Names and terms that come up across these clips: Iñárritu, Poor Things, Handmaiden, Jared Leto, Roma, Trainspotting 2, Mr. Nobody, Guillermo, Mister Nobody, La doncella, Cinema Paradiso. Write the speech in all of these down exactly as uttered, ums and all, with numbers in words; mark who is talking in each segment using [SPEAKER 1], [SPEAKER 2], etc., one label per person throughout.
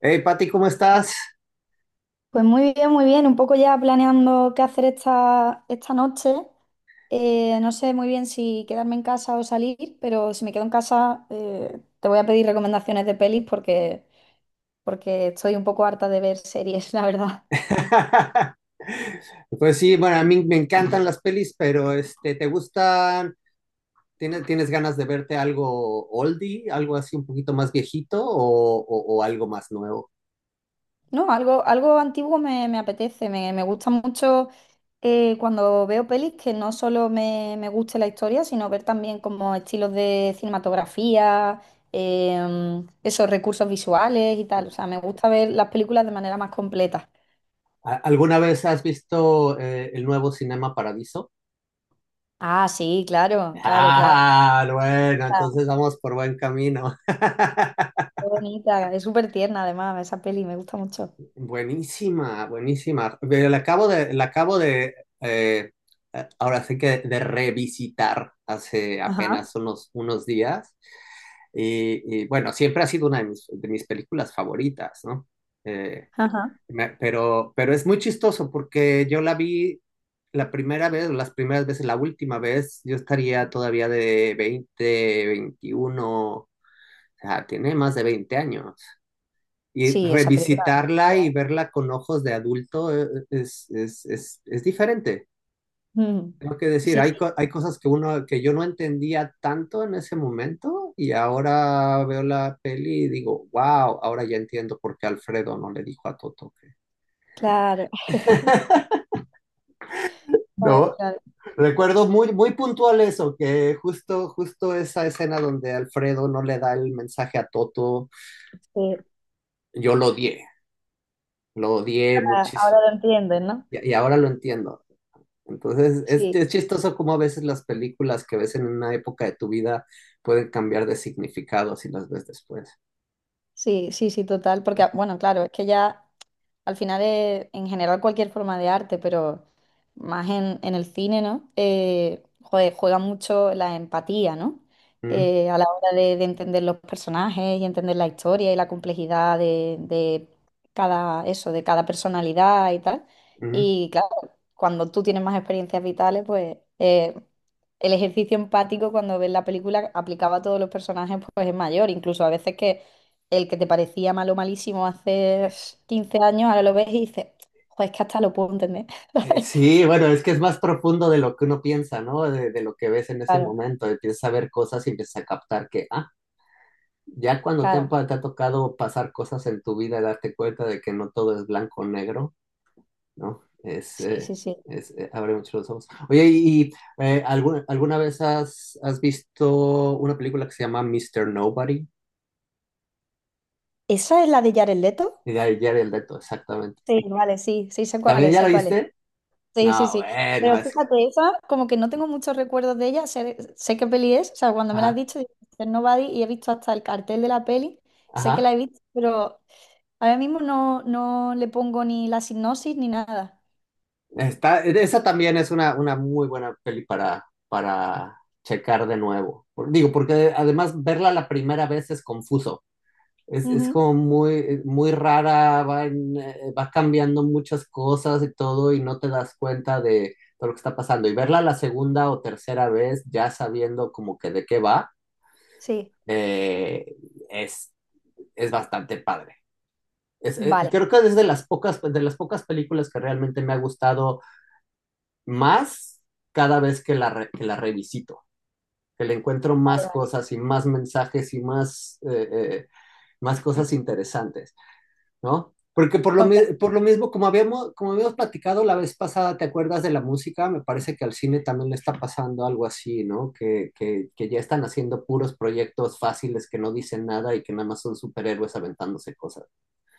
[SPEAKER 1] Hey, Pati, ¿cómo estás?
[SPEAKER 2] Pues muy bien, muy bien. Un poco ya planeando qué hacer esta, esta noche. Eh, no sé muy bien si quedarme en casa o salir, pero si me quedo en casa, eh, te voy a pedir recomendaciones de pelis porque, porque estoy un poco harta de ver series, la verdad.
[SPEAKER 1] Pues sí, bueno, a mí me encantan las pelis, pero este, ¿te gustan? ¿Tienes, tienes ganas de verte algo oldie, algo así un poquito más viejito o, o- o algo más nuevo?
[SPEAKER 2] No, algo, algo antiguo me, me apetece, me, me gusta mucho eh, cuando veo pelis que no solo me, me guste la historia, sino ver también como estilos de cinematografía, em, esos recursos visuales y tal. O sea, me gusta ver las películas de manera más completa.
[SPEAKER 1] ¿A- ¿Alguna vez has visto eh, el nuevo Cinema Paradiso?
[SPEAKER 2] Ah, sí, claro, claro, claro.
[SPEAKER 1] Ah, bueno,
[SPEAKER 2] Ah,
[SPEAKER 1] entonces vamos por buen camino.
[SPEAKER 2] qué bonita, es súper tierna además esa peli, me gusta mucho.
[SPEAKER 1] Buenísima, buenísima. Ve, la acabo de, la acabo de eh, eh, ahora sí que de revisitar hace
[SPEAKER 2] Ajá,
[SPEAKER 1] apenas unos, unos días. Y, y, bueno, siempre ha sido una de mis, de mis películas favoritas, ¿no? Eh,
[SPEAKER 2] ajá.
[SPEAKER 1] me- pero, pero es muy chistoso porque yo la vi la primera vez, o las primeras veces, la última vez, yo estaría todavía de veinte, veintiuno, o sea, tiene más de veinte años. Y
[SPEAKER 2] Sí, esa película.
[SPEAKER 1] revisitarla y verla con ojos de adulto eh, es, es, es, es diferente.
[SPEAKER 2] Mm.
[SPEAKER 1] Tengo que decir,
[SPEAKER 2] Sí,
[SPEAKER 1] hay,
[SPEAKER 2] sí,
[SPEAKER 1] co- hay cosas que uno que yo no entendía tanto en ese momento y ahora veo la peli y digo, wow, ahora ya entiendo por qué Alfredo no le dijo a Toto que...
[SPEAKER 2] claro, claro,
[SPEAKER 1] No,
[SPEAKER 2] claro.
[SPEAKER 1] recuerdo muy, muy puntual eso, que justo, justo esa escena donde Alfredo no le da el mensaje a Toto,
[SPEAKER 2] Sí.
[SPEAKER 1] yo lo odié, lo odié
[SPEAKER 2] Ah, ahora
[SPEAKER 1] muchísimo
[SPEAKER 2] lo entienden, ¿no?
[SPEAKER 1] y, y ahora lo entiendo. Entonces, es,
[SPEAKER 2] Sí,
[SPEAKER 1] es chistoso cómo a veces las películas que ves en una época de tu vida pueden cambiar de significado si las ves después.
[SPEAKER 2] sí, sí, sí, total, porque ah, bueno, claro, es que ya al final es en general cualquier forma de arte, pero más en, en el cine, ¿no? Eh, jue- juega mucho la empatía, ¿no?
[SPEAKER 1] Mm,
[SPEAKER 2] Eh, a la hora de, de entender los personajes y entender la historia y la complejidad de, de cada eso, de cada personalidad y tal.
[SPEAKER 1] mm.
[SPEAKER 2] Y claro, cuando tú tienes más experiencias vitales, pues eh, el ejercicio empático cuando ves la película aplicaba a todos los personajes, pues es mayor, incluso a veces que el que te parecía malo, malísimo hace quince años, ahora lo ves y dices, joder, es que hasta lo puedo entender.
[SPEAKER 1] Eh, Sí, bueno, es que es más profundo de lo que uno piensa, ¿no? De, de lo que ves en ese
[SPEAKER 2] Claro,
[SPEAKER 1] momento. Empiezas a ver cosas y empiezas a captar que, ah, ya cuando te, han,
[SPEAKER 2] claro.
[SPEAKER 1] pa- te ha tocado pasar cosas en tu vida, darte cuenta de que no todo es blanco o negro, ¿no? Es,
[SPEAKER 2] Sí,
[SPEAKER 1] eh,
[SPEAKER 2] sí, sí.
[SPEAKER 1] es, eh, abre mucho los ojos. Oye, y, eh, ¿alguna, alguna vez has, has visto una película que se llama Mister Nobody?
[SPEAKER 2] ¿Esa es la de Jared Leto?
[SPEAKER 1] Y ya, ya vi el reto, exactamente.
[SPEAKER 2] Sí, vale, sí, sí, sé cuál
[SPEAKER 1] ¿También
[SPEAKER 2] es,
[SPEAKER 1] ya lo
[SPEAKER 2] sé cuál es.
[SPEAKER 1] viste?
[SPEAKER 2] Sí, sí,
[SPEAKER 1] No,
[SPEAKER 2] sí.
[SPEAKER 1] bueno,
[SPEAKER 2] Pero
[SPEAKER 1] es que...
[SPEAKER 2] fíjate, esa, como que no tengo muchos recuerdos de ella, sé, sé qué peli es, o sea, cuando me la has
[SPEAKER 1] Ajá,
[SPEAKER 2] dicho, digo, "míster Nobody", y he visto hasta el cartel de la peli, sé que
[SPEAKER 1] ajá.
[SPEAKER 2] la he visto, pero ahora mismo no, no le pongo ni la sinopsis ni nada.
[SPEAKER 1] Está, esa también es una, una muy buena peli para, para checar de nuevo. Por- Digo, porque además verla la primera vez es confuso. Es, es
[SPEAKER 2] Ujú,
[SPEAKER 1] como muy, muy rara, va, en- eh, va cambiando muchas cosas y todo y no te das cuenta de todo lo que está pasando. Y verla la segunda o tercera vez ya sabiendo como que de qué va,
[SPEAKER 2] sí,
[SPEAKER 1] eh, es, es bastante padre. Es, eh,
[SPEAKER 2] vale,
[SPEAKER 1] creo que es de las pocas, de las pocas películas que realmente me ha gustado más cada vez que la, re- que la revisito, que le encuentro
[SPEAKER 2] vale,
[SPEAKER 1] más
[SPEAKER 2] vale.
[SPEAKER 1] cosas y más mensajes y más, eh, eh, más cosas interesantes, ¿no? Porque por lo,
[SPEAKER 2] Pues
[SPEAKER 1] por lo mismo, como habíamos, como habíamos platicado la vez pasada, ¿te acuerdas de la música? Me parece que al cine también le está pasando algo así, ¿no? Que, que, que ya están haciendo puros proyectos fáciles que no dicen nada y que nada más son superhéroes aventándose cosas.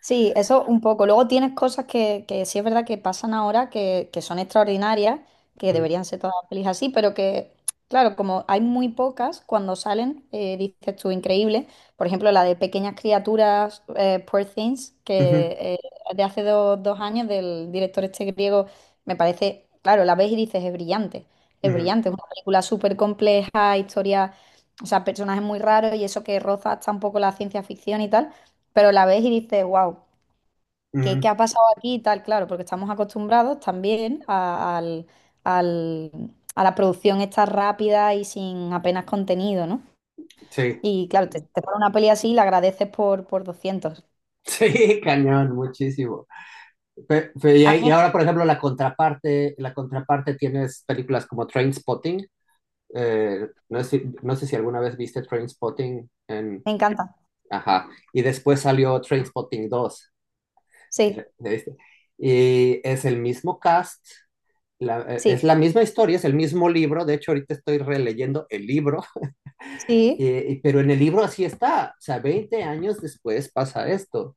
[SPEAKER 2] sí, eso un poco. Luego tienes cosas que, que sí es verdad que pasan ahora, que, que son extraordinarias, que
[SPEAKER 1] Mm.
[SPEAKER 2] deberían ser todas las pelis así, pero que, claro, como hay muy pocas, cuando salen, eh, dices tú, increíble. Por ejemplo, la de Pequeñas Criaturas, eh, Poor Things,
[SPEAKER 1] Ujú,
[SPEAKER 2] que eh, de hace do- dos años, del director este griego, me parece, claro, la ves y dices, es brillante, es
[SPEAKER 1] ujú,
[SPEAKER 2] brillante, es una película súper compleja, historia, o sea, personajes muy raros y eso que roza hasta un poco la ciencia ficción y tal, pero la ves y dices, wow. ¿Qué, qué
[SPEAKER 1] ujú.
[SPEAKER 2] ha pasado aquí y tal? Claro, porque estamos acostumbrados también a, al- al- a la producción esta rápida y sin apenas contenido, ¿no?
[SPEAKER 1] Sí,
[SPEAKER 2] Y claro, te, te ponen una peli así y la agradeces por, por doscientos.
[SPEAKER 1] sí, cañón, muchísimo. Pe- pe- y,
[SPEAKER 2] A
[SPEAKER 1] ahí- y
[SPEAKER 2] mí
[SPEAKER 1] ahora, por ejemplo, la contraparte, la contraparte tienes películas como Trainspotting. Eh, no sé, si- no sé si alguna vez viste Trainspotting en...
[SPEAKER 2] me encanta.
[SPEAKER 1] Ajá. Y después salió Trainspotting dos. Si
[SPEAKER 2] Sí,
[SPEAKER 1] la- la viste. Y es el mismo cast, la- eh, es
[SPEAKER 2] sí,
[SPEAKER 1] la misma historia, es el mismo libro. De hecho, ahorita estoy releyendo el libro.
[SPEAKER 2] sí,
[SPEAKER 1] Eh, pero en el libro así está, o sea, veinte años después pasa esto.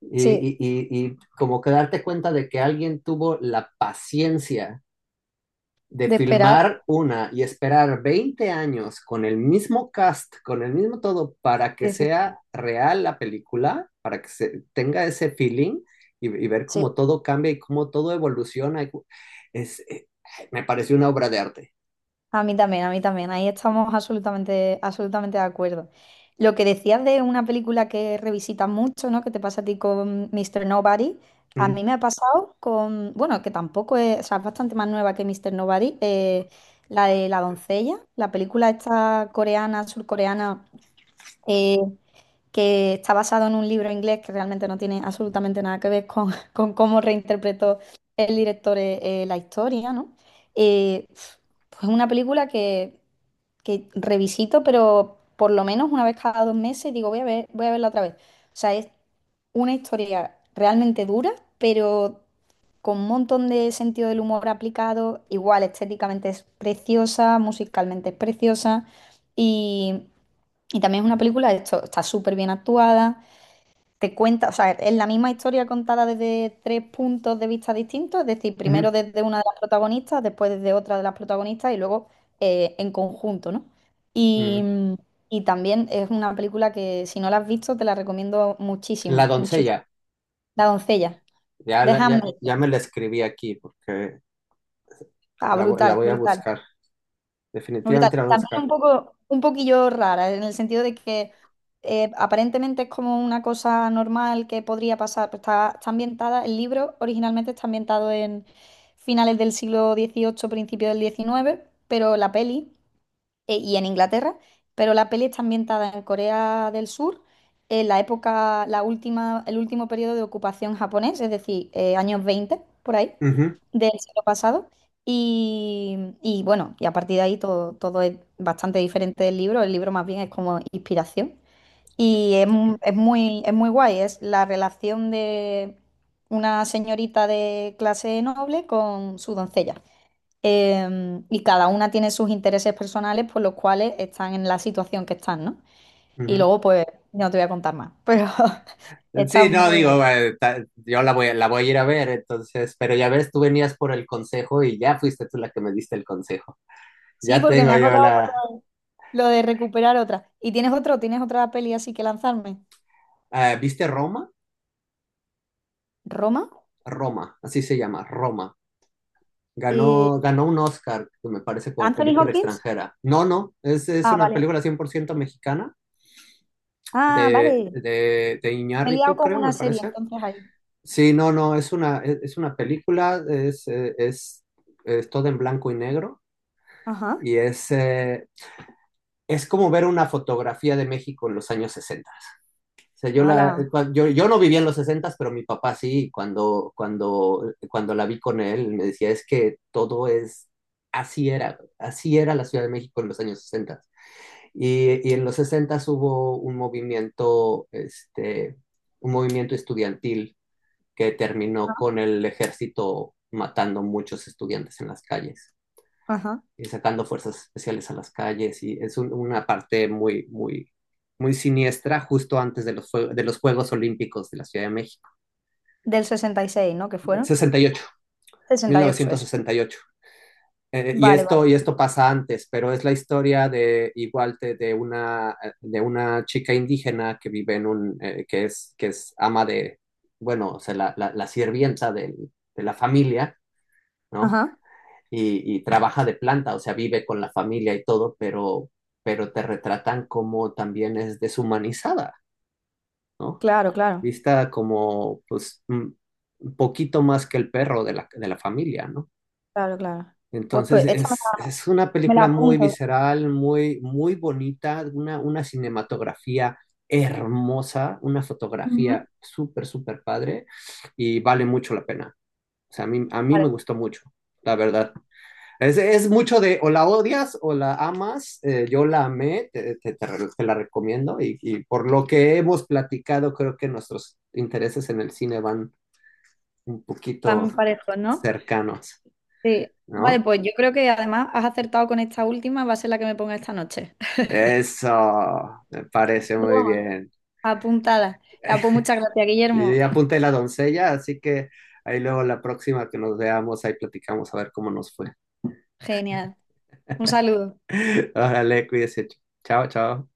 [SPEAKER 1] Y,
[SPEAKER 2] sí,
[SPEAKER 1] y- y- y como que darte cuenta de que alguien tuvo la paciencia de
[SPEAKER 2] de esperar.
[SPEAKER 1] filmar una y esperar veinte años con el mismo cast, con el mismo todo, para que
[SPEAKER 2] Sí, sí,
[SPEAKER 1] sea real la película, para que se tenga ese feeling y, y ver
[SPEAKER 2] sí.
[SPEAKER 1] cómo todo cambia y cómo todo evoluciona. Es, eh, me pareció una obra de arte.
[SPEAKER 2] A mí también, a mí también. Ahí estamos absolutamente, absolutamente de acuerdo. Lo que decías de una película que revisitas mucho, ¿no? Que te pasa a ti con míster Nobody. A
[SPEAKER 1] Mm,
[SPEAKER 2] mí me ha pasado con, bueno, que tampoco es, o sea, es bastante más nueva que míster Nobody, eh, la de La doncella, la película esta coreana, surcoreana, eh, que está basado en un libro inglés que realmente no tiene absolutamente nada que ver con, con cómo reinterpretó el director eh, eh, la historia, ¿no? Eh, pues una película que que revisito, pero por lo menos una vez cada dos meses digo, voy a ver, voy a verla otra vez. O sea, es una historia realmente dura, pero con un montón de sentido del humor aplicado. Igual, estéticamente es preciosa, musicalmente es preciosa y, y también es una película, esto está súper bien actuada, te cuenta, o sea, es la misma historia contada desde tres puntos de vista distintos, es decir, primero
[SPEAKER 1] ujú,
[SPEAKER 2] desde una de las protagonistas, después desde otra de las protagonistas y luego eh, en conjunto, ¿no? Y,
[SPEAKER 1] mm.
[SPEAKER 2] mm, y también es una película que si no la has visto te la recomiendo
[SPEAKER 1] La
[SPEAKER 2] muchísimo, muchísimo.
[SPEAKER 1] doncella.
[SPEAKER 2] La doncella,
[SPEAKER 1] Ya,
[SPEAKER 2] de
[SPEAKER 1] la- ya, ya
[SPEAKER 2] Handmaiden.
[SPEAKER 1] me la escribí aquí porque
[SPEAKER 2] Ah,
[SPEAKER 1] la, vo- la
[SPEAKER 2] brutal,
[SPEAKER 1] voy a
[SPEAKER 2] brutal.
[SPEAKER 1] buscar.
[SPEAKER 2] Brutal.
[SPEAKER 1] Definitivamente la voy a
[SPEAKER 2] También
[SPEAKER 1] buscar.
[SPEAKER 2] un poco, un poquillo rara, en el sentido de que eh, aparentemente es como una cosa normal que podría pasar, pero está, está ambientada, el libro originalmente está ambientado en finales del siglo dieciocho, principio del diecinueve, pero la peli eh, y en Inglaterra, pero la peli está ambientada en Corea del Sur, en la época, la última, el último periodo de ocupación japonés, es decir, eh, años veinte por ahí,
[SPEAKER 1] Ujú,
[SPEAKER 2] del siglo pasado. Y, y bueno, y a partir de ahí todo, todo es bastante diferente del libro. El libro más bien es como inspiración. Y es, mu- es muy, es muy guay, es la relación de una señorita de clase noble con su doncella. Em, y cada una tiene sus intereses personales por los cuales están en la situación que están, ¿no? Y luego, pues, no te voy a contar más, pero
[SPEAKER 1] ujú.
[SPEAKER 2] está
[SPEAKER 1] Sí, no,
[SPEAKER 2] muy bien.
[SPEAKER 1] digo, eh, ta- yo la voy, la voy a ir a ver, entonces, pero ya ves, tú venías por el consejo y ya fuiste tú la que me diste el consejo.
[SPEAKER 2] Sí,
[SPEAKER 1] Ya
[SPEAKER 2] porque me
[SPEAKER 1] tengo
[SPEAKER 2] he
[SPEAKER 1] yo
[SPEAKER 2] acordado por
[SPEAKER 1] la...
[SPEAKER 2] lo lo de recuperar otra. ¿Y tienes otro? ¿Tienes otra peli así que lanzarme?
[SPEAKER 1] Ah, ¿viste Roma?
[SPEAKER 2] ¿Roma?
[SPEAKER 1] Roma, así se llama, Roma.
[SPEAKER 2] Eh,
[SPEAKER 1] Ganó, ganó un Oscar, que me parece como
[SPEAKER 2] ¿Anthony
[SPEAKER 1] película
[SPEAKER 2] Hopkins?
[SPEAKER 1] extranjera. No, no, es, es
[SPEAKER 2] Ah,
[SPEAKER 1] una
[SPEAKER 2] vale.
[SPEAKER 1] película cien por ciento mexicana
[SPEAKER 2] Ah,
[SPEAKER 1] de,
[SPEAKER 2] vale.
[SPEAKER 1] de, de
[SPEAKER 2] Me he liado
[SPEAKER 1] Iñárritu,
[SPEAKER 2] con
[SPEAKER 1] creo,
[SPEAKER 2] una
[SPEAKER 1] me
[SPEAKER 2] serie,
[SPEAKER 1] parece.
[SPEAKER 2] entonces ahí.
[SPEAKER 1] Sí, no, no, es una, es, es una película, es, eh, es, es todo en blanco y negro
[SPEAKER 2] Ajá.
[SPEAKER 1] y es, eh, es como ver una fotografía de México en los años sesenta. O sea, yo, la,
[SPEAKER 2] Ala.
[SPEAKER 1] eh, cua- yo, yo no vivía en los sesenta, pero mi papá sí, y cuando, cuando, cuando la vi con él, me decía, es que todo es, así era, así era la Ciudad de México en los años sesenta. Y, y en los sesenta hubo un movimiento, este, un movimiento estudiantil que terminó con el ejército matando muchos estudiantes en las calles
[SPEAKER 2] Ajá.
[SPEAKER 1] y sacando fuerzas especiales a las calles y es un, una parte muy, muy, muy siniestra justo antes de los, de los Juegos Olímpicos de la Ciudad de México.
[SPEAKER 2] ¿Del sesenta y seis, no? ¿Que fueron?
[SPEAKER 1] sesenta y ocho,
[SPEAKER 2] Sesenta y ocho, eso.
[SPEAKER 1] mil novecientos sesenta y ocho. Eh, y,
[SPEAKER 2] Vale, vale.
[SPEAKER 1] esto, y esto pasa antes, pero es la historia de igual de, de una, eh, de una chica indígena que vive en un, eh, que, es, que es ama de, bueno, o sea, la, la, la sirvienta del, de la familia, ¿no?
[SPEAKER 2] Ajá.
[SPEAKER 1] Y, y trabaja de planta, o sea, vive con la familia y todo, pero, pero te retratan como también es deshumanizada, ¿no?
[SPEAKER 2] Claro, claro.
[SPEAKER 1] Vista como, pues, mm, un poquito más que el perro de la, de la familia, ¿no?
[SPEAKER 2] Claro, claro. Pues,
[SPEAKER 1] Entonces
[SPEAKER 2] pues, esta,
[SPEAKER 1] es, es una
[SPEAKER 2] me la
[SPEAKER 1] película muy
[SPEAKER 2] apunto.
[SPEAKER 1] visceral, muy, muy bonita, una, una cinematografía hermosa, una fotografía
[SPEAKER 2] Ujú.
[SPEAKER 1] súper, súper padre y vale mucho la pena. O sea, a mí, a mí me
[SPEAKER 2] Vale.
[SPEAKER 1] gustó mucho, la verdad. Es, es mucho de o la odias o la amas. Eh, yo la amé, te, te- te te la recomiendo. Y, y por lo que hemos platicado, creo que nuestros intereses en el cine van un poquito
[SPEAKER 2] Van parejos, ¿no?
[SPEAKER 1] cercanos,
[SPEAKER 2] Sí. Vale,
[SPEAKER 1] ¿no?
[SPEAKER 2] pues yo creo que además has acertado con esta última, va a ser la que me ponga esta noche.
[SPEAKER 1] Eso me parece muy
[SPEAKER 2] Broma.
[SPEAKER 1] bien.
[SPEAKER 2] Apuntada. Ah, pues muchas gracias,
[SPEAKER 1] Y yo
[SPEAKER 2] Guillermo.
[SPEAKER 1] ya apunté la doncella, así que ahí luego la próxima que nos veamos, ahí platicamos a ver cómo nos fue.
[SPEAKER 2] Genial. Un saludo.
[SPEAKER 1] Órale, cuídese. Chao, chao.